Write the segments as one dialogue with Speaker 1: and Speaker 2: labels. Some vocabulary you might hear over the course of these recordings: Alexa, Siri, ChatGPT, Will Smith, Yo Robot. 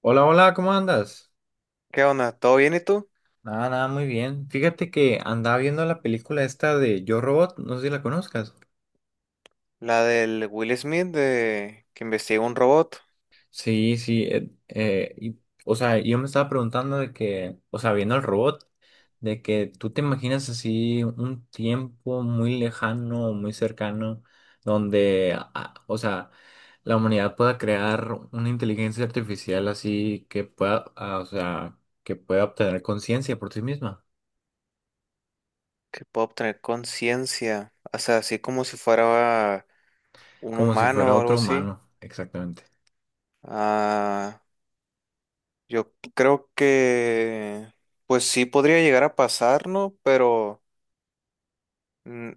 Speaker 1: Hola, hola, ¿cómo andas?
Speaker 2: ¿Qué onda? ¿Todo bien y tú?
Speaker 1: Nada, nada, muy bien. Fíjate que andaba viendo la película esta de Yo Robot, no sé si la conozcas.
Speaker 2: La del Will Smith de que investiga un robot
Speaker 1: Sí, sí, y- o sea, yo me estaba preguntando de que, o sea, viendo al robot, de que tú te imaginas así un tiempo muy lejano, muy cercano, donde, o sea, la humanidad pueda crear una inteligencia artificial así que pueda, o sea, que pueda obtener conciencia por sí misma,
Speaker 2: que puede obtener conciencia, o sea, así como si fuera un
Speaker 1: como si fuera
Speaker 2: humano o algo
Speaker 1: otro
Speaker 2: así.
Speaker 1: humano, exactamente.
Speaker 2: Ah, yo creo que pues sí podría llegar a pasar, ¿no? Pero mm,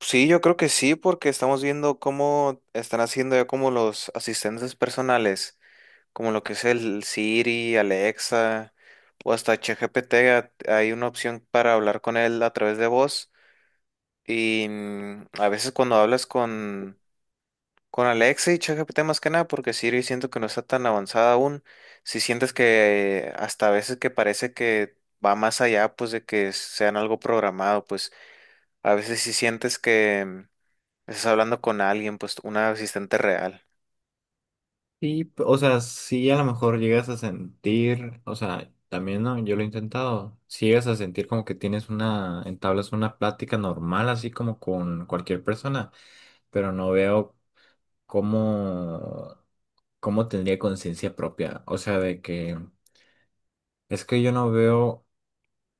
Speaker 2: sí, yo creo que sí porque estamos viendo cómo están haciendo ya como los asistentes personales, como lo que es el Siri, Alexa o hasta ChatGPT. Hay una opción para hablar con él a través de voz y, a veces cuando hablas con Alexa y ChatGPT más que nada, porque Siri siento que no está tan avanzada aún, si sientes que hasta a veces que parece que va más allá pues de que sean algo programado. Pues a veces si sientes que, estás hablando con alguien, pues un asistente real.
Speaker 1: Sí, p- o sea, si a lo mejor llegas a sentir, o sea, también no, yo lo he intentado, si llegas a sentir como que tienes una, entablas una plática normal, así como con cualquier persona, pero no veo cómo, cómo tendría conciencia propia, o sea, de que es que yo no veo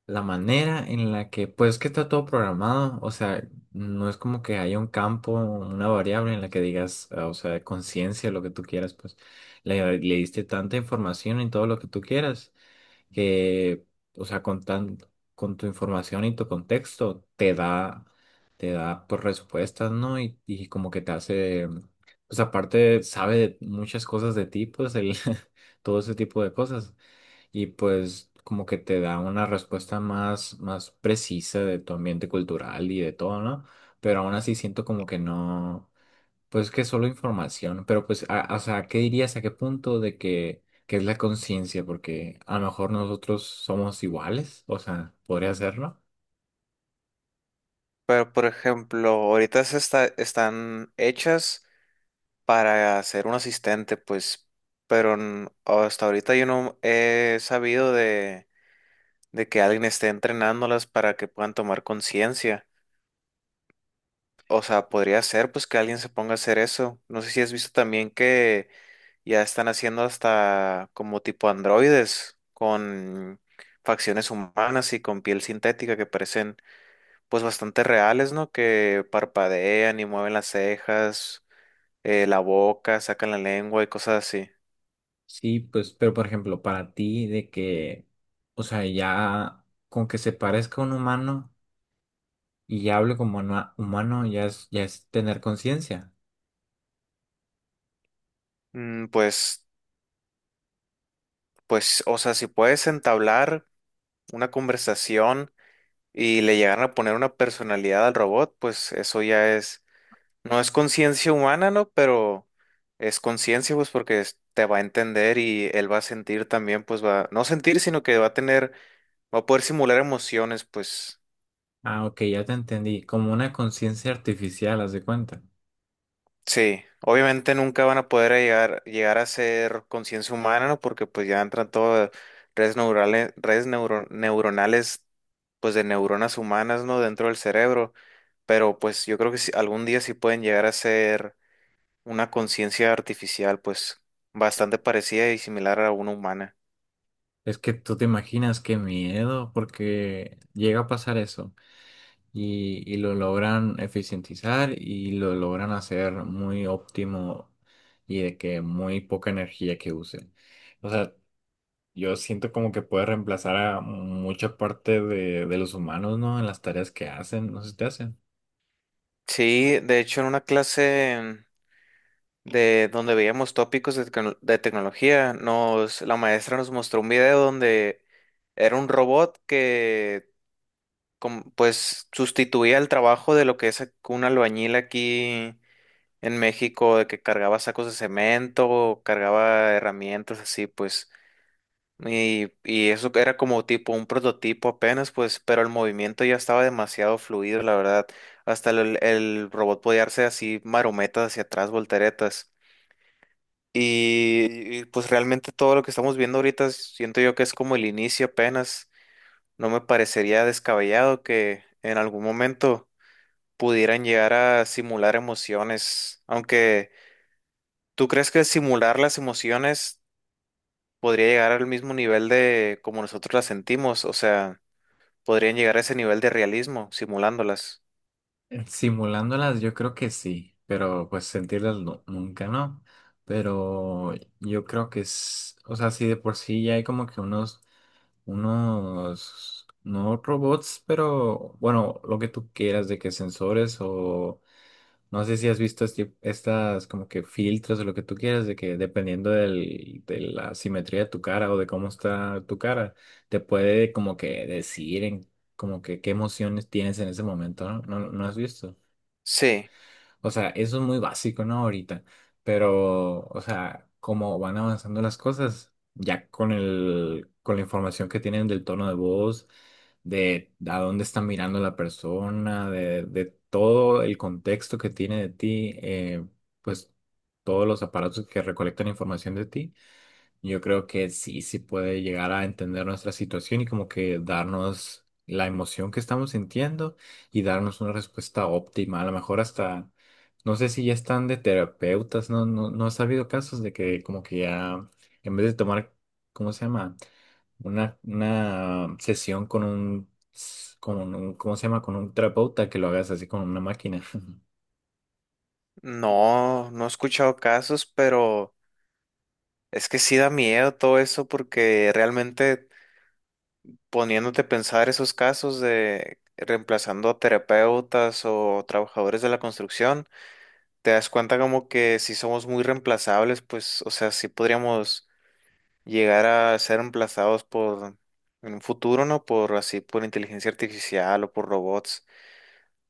Speaker 1: la manera en la que, pues que está todo programado, o sea, no es como que haya un campo, una variable en la que digas, o sea, conciencia, lo que tú quieras, pues le diste tanta información en todo lo que tú quieras, que, o sea, con tan, con tu información y tu contexto te da, pues, respuestas, ¿no? Y como que te hace, pues aparte sabe de muchas cosas de ti, pues el, todo ese tipo de cosas y pues como que te da una respuesta más, más precisa de tu ambiente cultural y de todo, ¿no? Pero aún así siento como que no, pues que solo información, pero pues, a- o sea, ¿qué dirías? ¿A qué punto de que es la conciencia? Porque a lo mejor nosotros somos iguales, o sea, podría ser, ¿no?
Speaker 2: Pero por ejemplo, ahorita están hechas para ser un asistente, pues, pero hasta ahorita yo no he sabido de que alguien esté entrenándolas para que puedan tomar conciencia. O sea, podría ser pues que alguien se ponga a hacer eso. No sé si has visto también que ya están haciendo hasta como tipo androides con facciones humanas y con piel sintética que parecen pues bastante reales, ¿no? Que parpadean y mueven las cejas, la boca, sacan la lengua y cosas así.
Speaker 1: Sí, pues, pero por ejemplo, para ti de que, o sea, ya con que se parezca a un humano y ya hable como una- humano, ya es tener conciencia.
Speaker 2: Mm, Pues, pues, o sea, si puedes entablar una conversación y le llegan a poner una personalidad al robot, pues eso ya es, no es conciencia humana, ¿no? Pero es conciencia, pues, porque te va a entender y él va a sentir también. Pues va, no sentir, sino que va a tener, va a poder simular emociones, pues.
Speaker 1: Ah, ok, ya te entendí. Como una conciencia artificial, haz de cuenta.
Speaker 2: Sí, obviamente nunca van a poder llegar a ser conciencia humana, ¿no? Porque pues ya entran todas redes neurales, redes neuronales, pues de neuronas humanas, ¿no? Dentro del cerebro. Pero pues yo creo que algún día sí pueden llegar a ser una conciencia artificial, pues bastante parecida y similar a una humana.
Speaker 1: Es que tú te imaginas qué miedo, porque llega a pasar eso y lo logran eficientizar y lo logran hacer muy óptimo y de que muy poca energía que use. O sea, yo siento como que puede reemplazar a mucha parte de los humanos, ¿no? En las tareas que hacen, no sé si te hacen.
Speaker 2: Sí, de hecho en una clase de donde veíamos tópicos de, de tecnología, la maestra nos mostró un video donde era un robot que pues sustituía el trabajo de lo que es un albañil aquí en México, de que cargaba sacos de cemento, o cargaba herramientas así, pues. Y eso era como tipo un prototipo apenas, pues, pero el movimiento ya estaba demasiado fluido, la verdad. Hasta el robot podía darse así marometas hacia atrás, volteretas. Y pues realmente todo lo que estamos viendo ahorita siento yo que es como el inicio apenas. No me parecería descabellado que en algún momento pudieran llegar a simular emociones. Aunque, ¿tú crees que simular las emociones podría llegar al mismo nivel de como nosotros las sentimos? O sea, ¿podrían llegar a ese nivel de realismo simulándolas?
Speaker 1: Simulándolas yo creo que sí, pero pues sentirlas nu- nunca no. Pero yo creo que es, o sea, sí de por sí ya hay como que unos, unos, no robots, pero bueno, lo que tú quieras de que sensores o no sé si has visto este- estas como que filtros o lo que tú quieras de que dependiendo del, de la simetría de tu cara o de cómo está tu cara, te puede como que decir en como que qué emociones tienes en ese momento, ¿no? ¿No, no has visto?
Speaker 2: Sí,
Speaker 1: O sea, eso es muy básico, ¿no? Ahorita. Pero, o sea, como van avanzando las cosas, ya con el, con la información que tienen del tono de voz, de a dónde está mirando la persona, de todo el contexto que tiene de ti, pues todos los aparatos que recolectan información de ti yo creo que sí, sí puede llegar a entender nuestra situación y como que darnos la emoción que estamos sintiendo y darnos una respuesta óptima. A lo mejor hasta, no sé si ya están de terapeutas, no, no, no ha habido casos de que como que ya, en vez de tomar, ¿cómo se llama? Una sesión con un, ¿cómo se llama? Con un terapeuta que lo hagas así con una máquina.
Speaker 2: no, no he escuchado casos, pero es que sí da miedo todo eso porque realmente poniéndote a pensar esos casos de reemplazando a terapeutas o trabajadores de la construcción, te das cuenta como que si somos muy reemplazables, pues, o sea, sí podríamos llegar a ser reemplazados por, en un futuro, ¿no? Por así, por inteligencia artificial o por robots.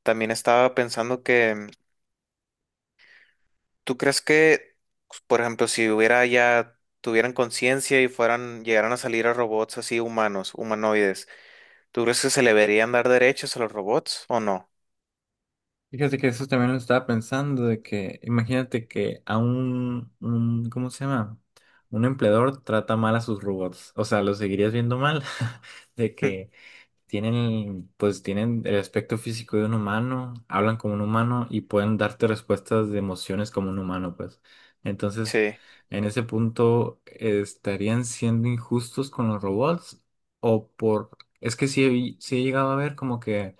Speaker 2: También estaba pensando que, ¿tú crees que, por ejemplo, si hubiera ya, tuvieran conciencia y fueran, llegaran a salir a robots así humanos, humanoides? ¿Tú crees que se le deberían dar derechos a los robots o no?
Speaker 1: Fíjate que eso también lo estaba pensando, de que imagínate que a un, ¿cómo se llama? Un empleador trata mal a sus robots, o sea, los seguirías viendo mal, de que tienen, pues tienen el aspecto físico de un humano, hablan como un humano y pueden darte respuestas de emociones como un humano, pues.
Speaker 2: Sí.
Speaker 1: Entonces, en ese punto, ¿estarían siendo injustos con los robots? O por, es que sí he llegado a ver como que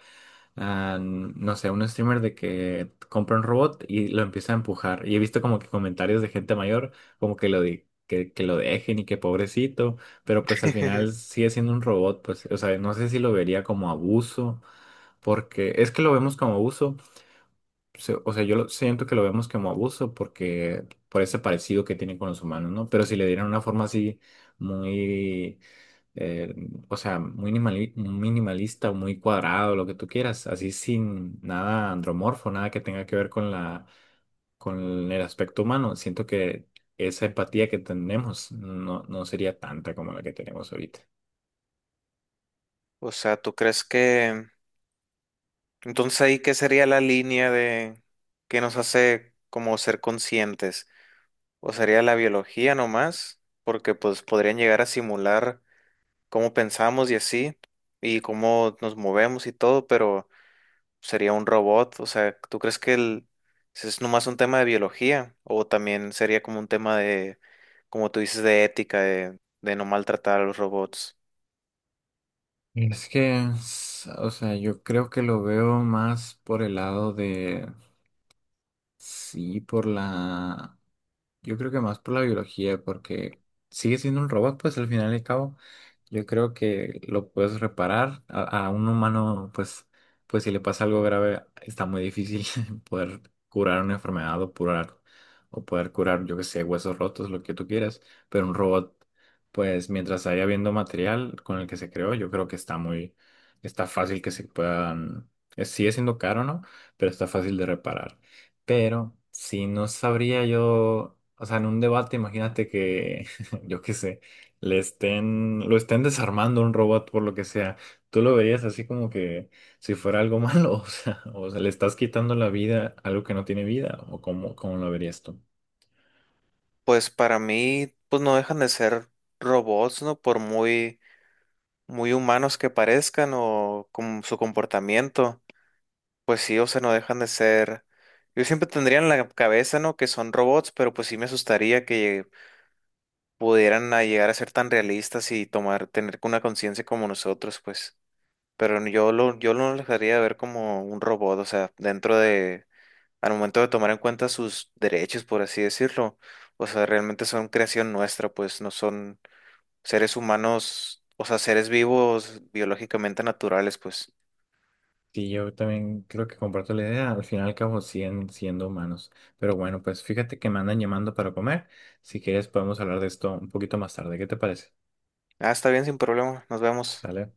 Speaker 1: a, no sé, un streamer de que compra un robot y lo empieza a empujar. Y he visto como que comentarios de gente mayor como que lo di- que lo dejen y que pobrecito, pero pues al final sigue siendo un robot, pues, o sea, no sé si lo vería como abuso, porque es que lo vemos como abuso, se- o sea, yo lo- siento que lo vemos como abuso porque por ese parecido que tiene con los humanos, ¿no? Pero si le dieran una forma así muy eh, o sea, muy minimali- minimalista o muy cuadrado, lo que tú quieras, así sin nada andromorfo, nada que tenga que ver con la, con el aspecto humano. Siento que esa empatía que tenemos no, no sería tanta como la que tenemos ahorita.
Speaker 2: O sea, ¿tú crees que... Entonces ahí, ¿qué sería la línea de... que nos hace como ser conscientes? ¿O sería la biología nomás? Porque pues podrían llegar a simular cómo pensamos y así, y cómo nos movemos y todo, pero sería un robot. O sea, ¿tú crees que el... si es nomás un tema de biología? ¿O también sería como un tema de, como tú dices, de ética, de no maltratar a los robots?
Speaker 1: Es que, s- o sea, yo creo que lo veo más por el lado de, sí, por la... Yo creo que más por la biología, porque sigue siendo un robot, pues al final y al cabo, yo creo que lo puedes reparar. A un humano, pues, pues si le pasa algo grave, está muy difícil poder curar una enfermedad o curar, o poder curar, yo que sé, huesos rotos, lo que tú quieras. Pero un robot, pues mientras haya habiendo material con el que se creó, yo creo que está muy, está fácil que se puedan, sigue siendo caro, ¿no? Pero está fácil de reparar. Pero si no sabría yo, o sea, en un debate, imagínate que, yo qué sé, le estén, lo estén desarmando un robot por lo que sea. ¿Tú lo verías así como que si fuera algo malo? O sea, le estás quitando la vida a algo que no tiene vida, o cómo, ¿cómo lo verías tú?
Speaker 2: Pues para mí, pues no dejan de ser robots, ¿no? Por muy, muy humanos que parezcan o con su comportamiento, pues sí, o sea, no dejan de ser. Yo siempre tendría en la cabeza, ¿no? Que son robots, pero pues sí me asustaría que pudieran a llegar a ser tan realistas y tomar, tener una conciencia como nosotros, pues. Pero yo lo dejaría de ver como un robot, o sea, dentro de, al momento de tomar en cuenta sus derechos, por así decirlo. O sea, realmente son creación nuestra, pues no son seres humanos, o sea, seres vivos biológicamente naturales, pues.
Speaker 1: Sí, yo también creo que comparto la idea. Al final y al cabo siguen siendo humanos. Pero bueno, pues fíjate que me andan llamando para comer. Si quieres podemos hablar de esto un poquito más tarde. ¿Qué te parece?
Speaker 2: Ah, está bien, sin problema. Nos vemos.
Speaker 1: ¿Sale?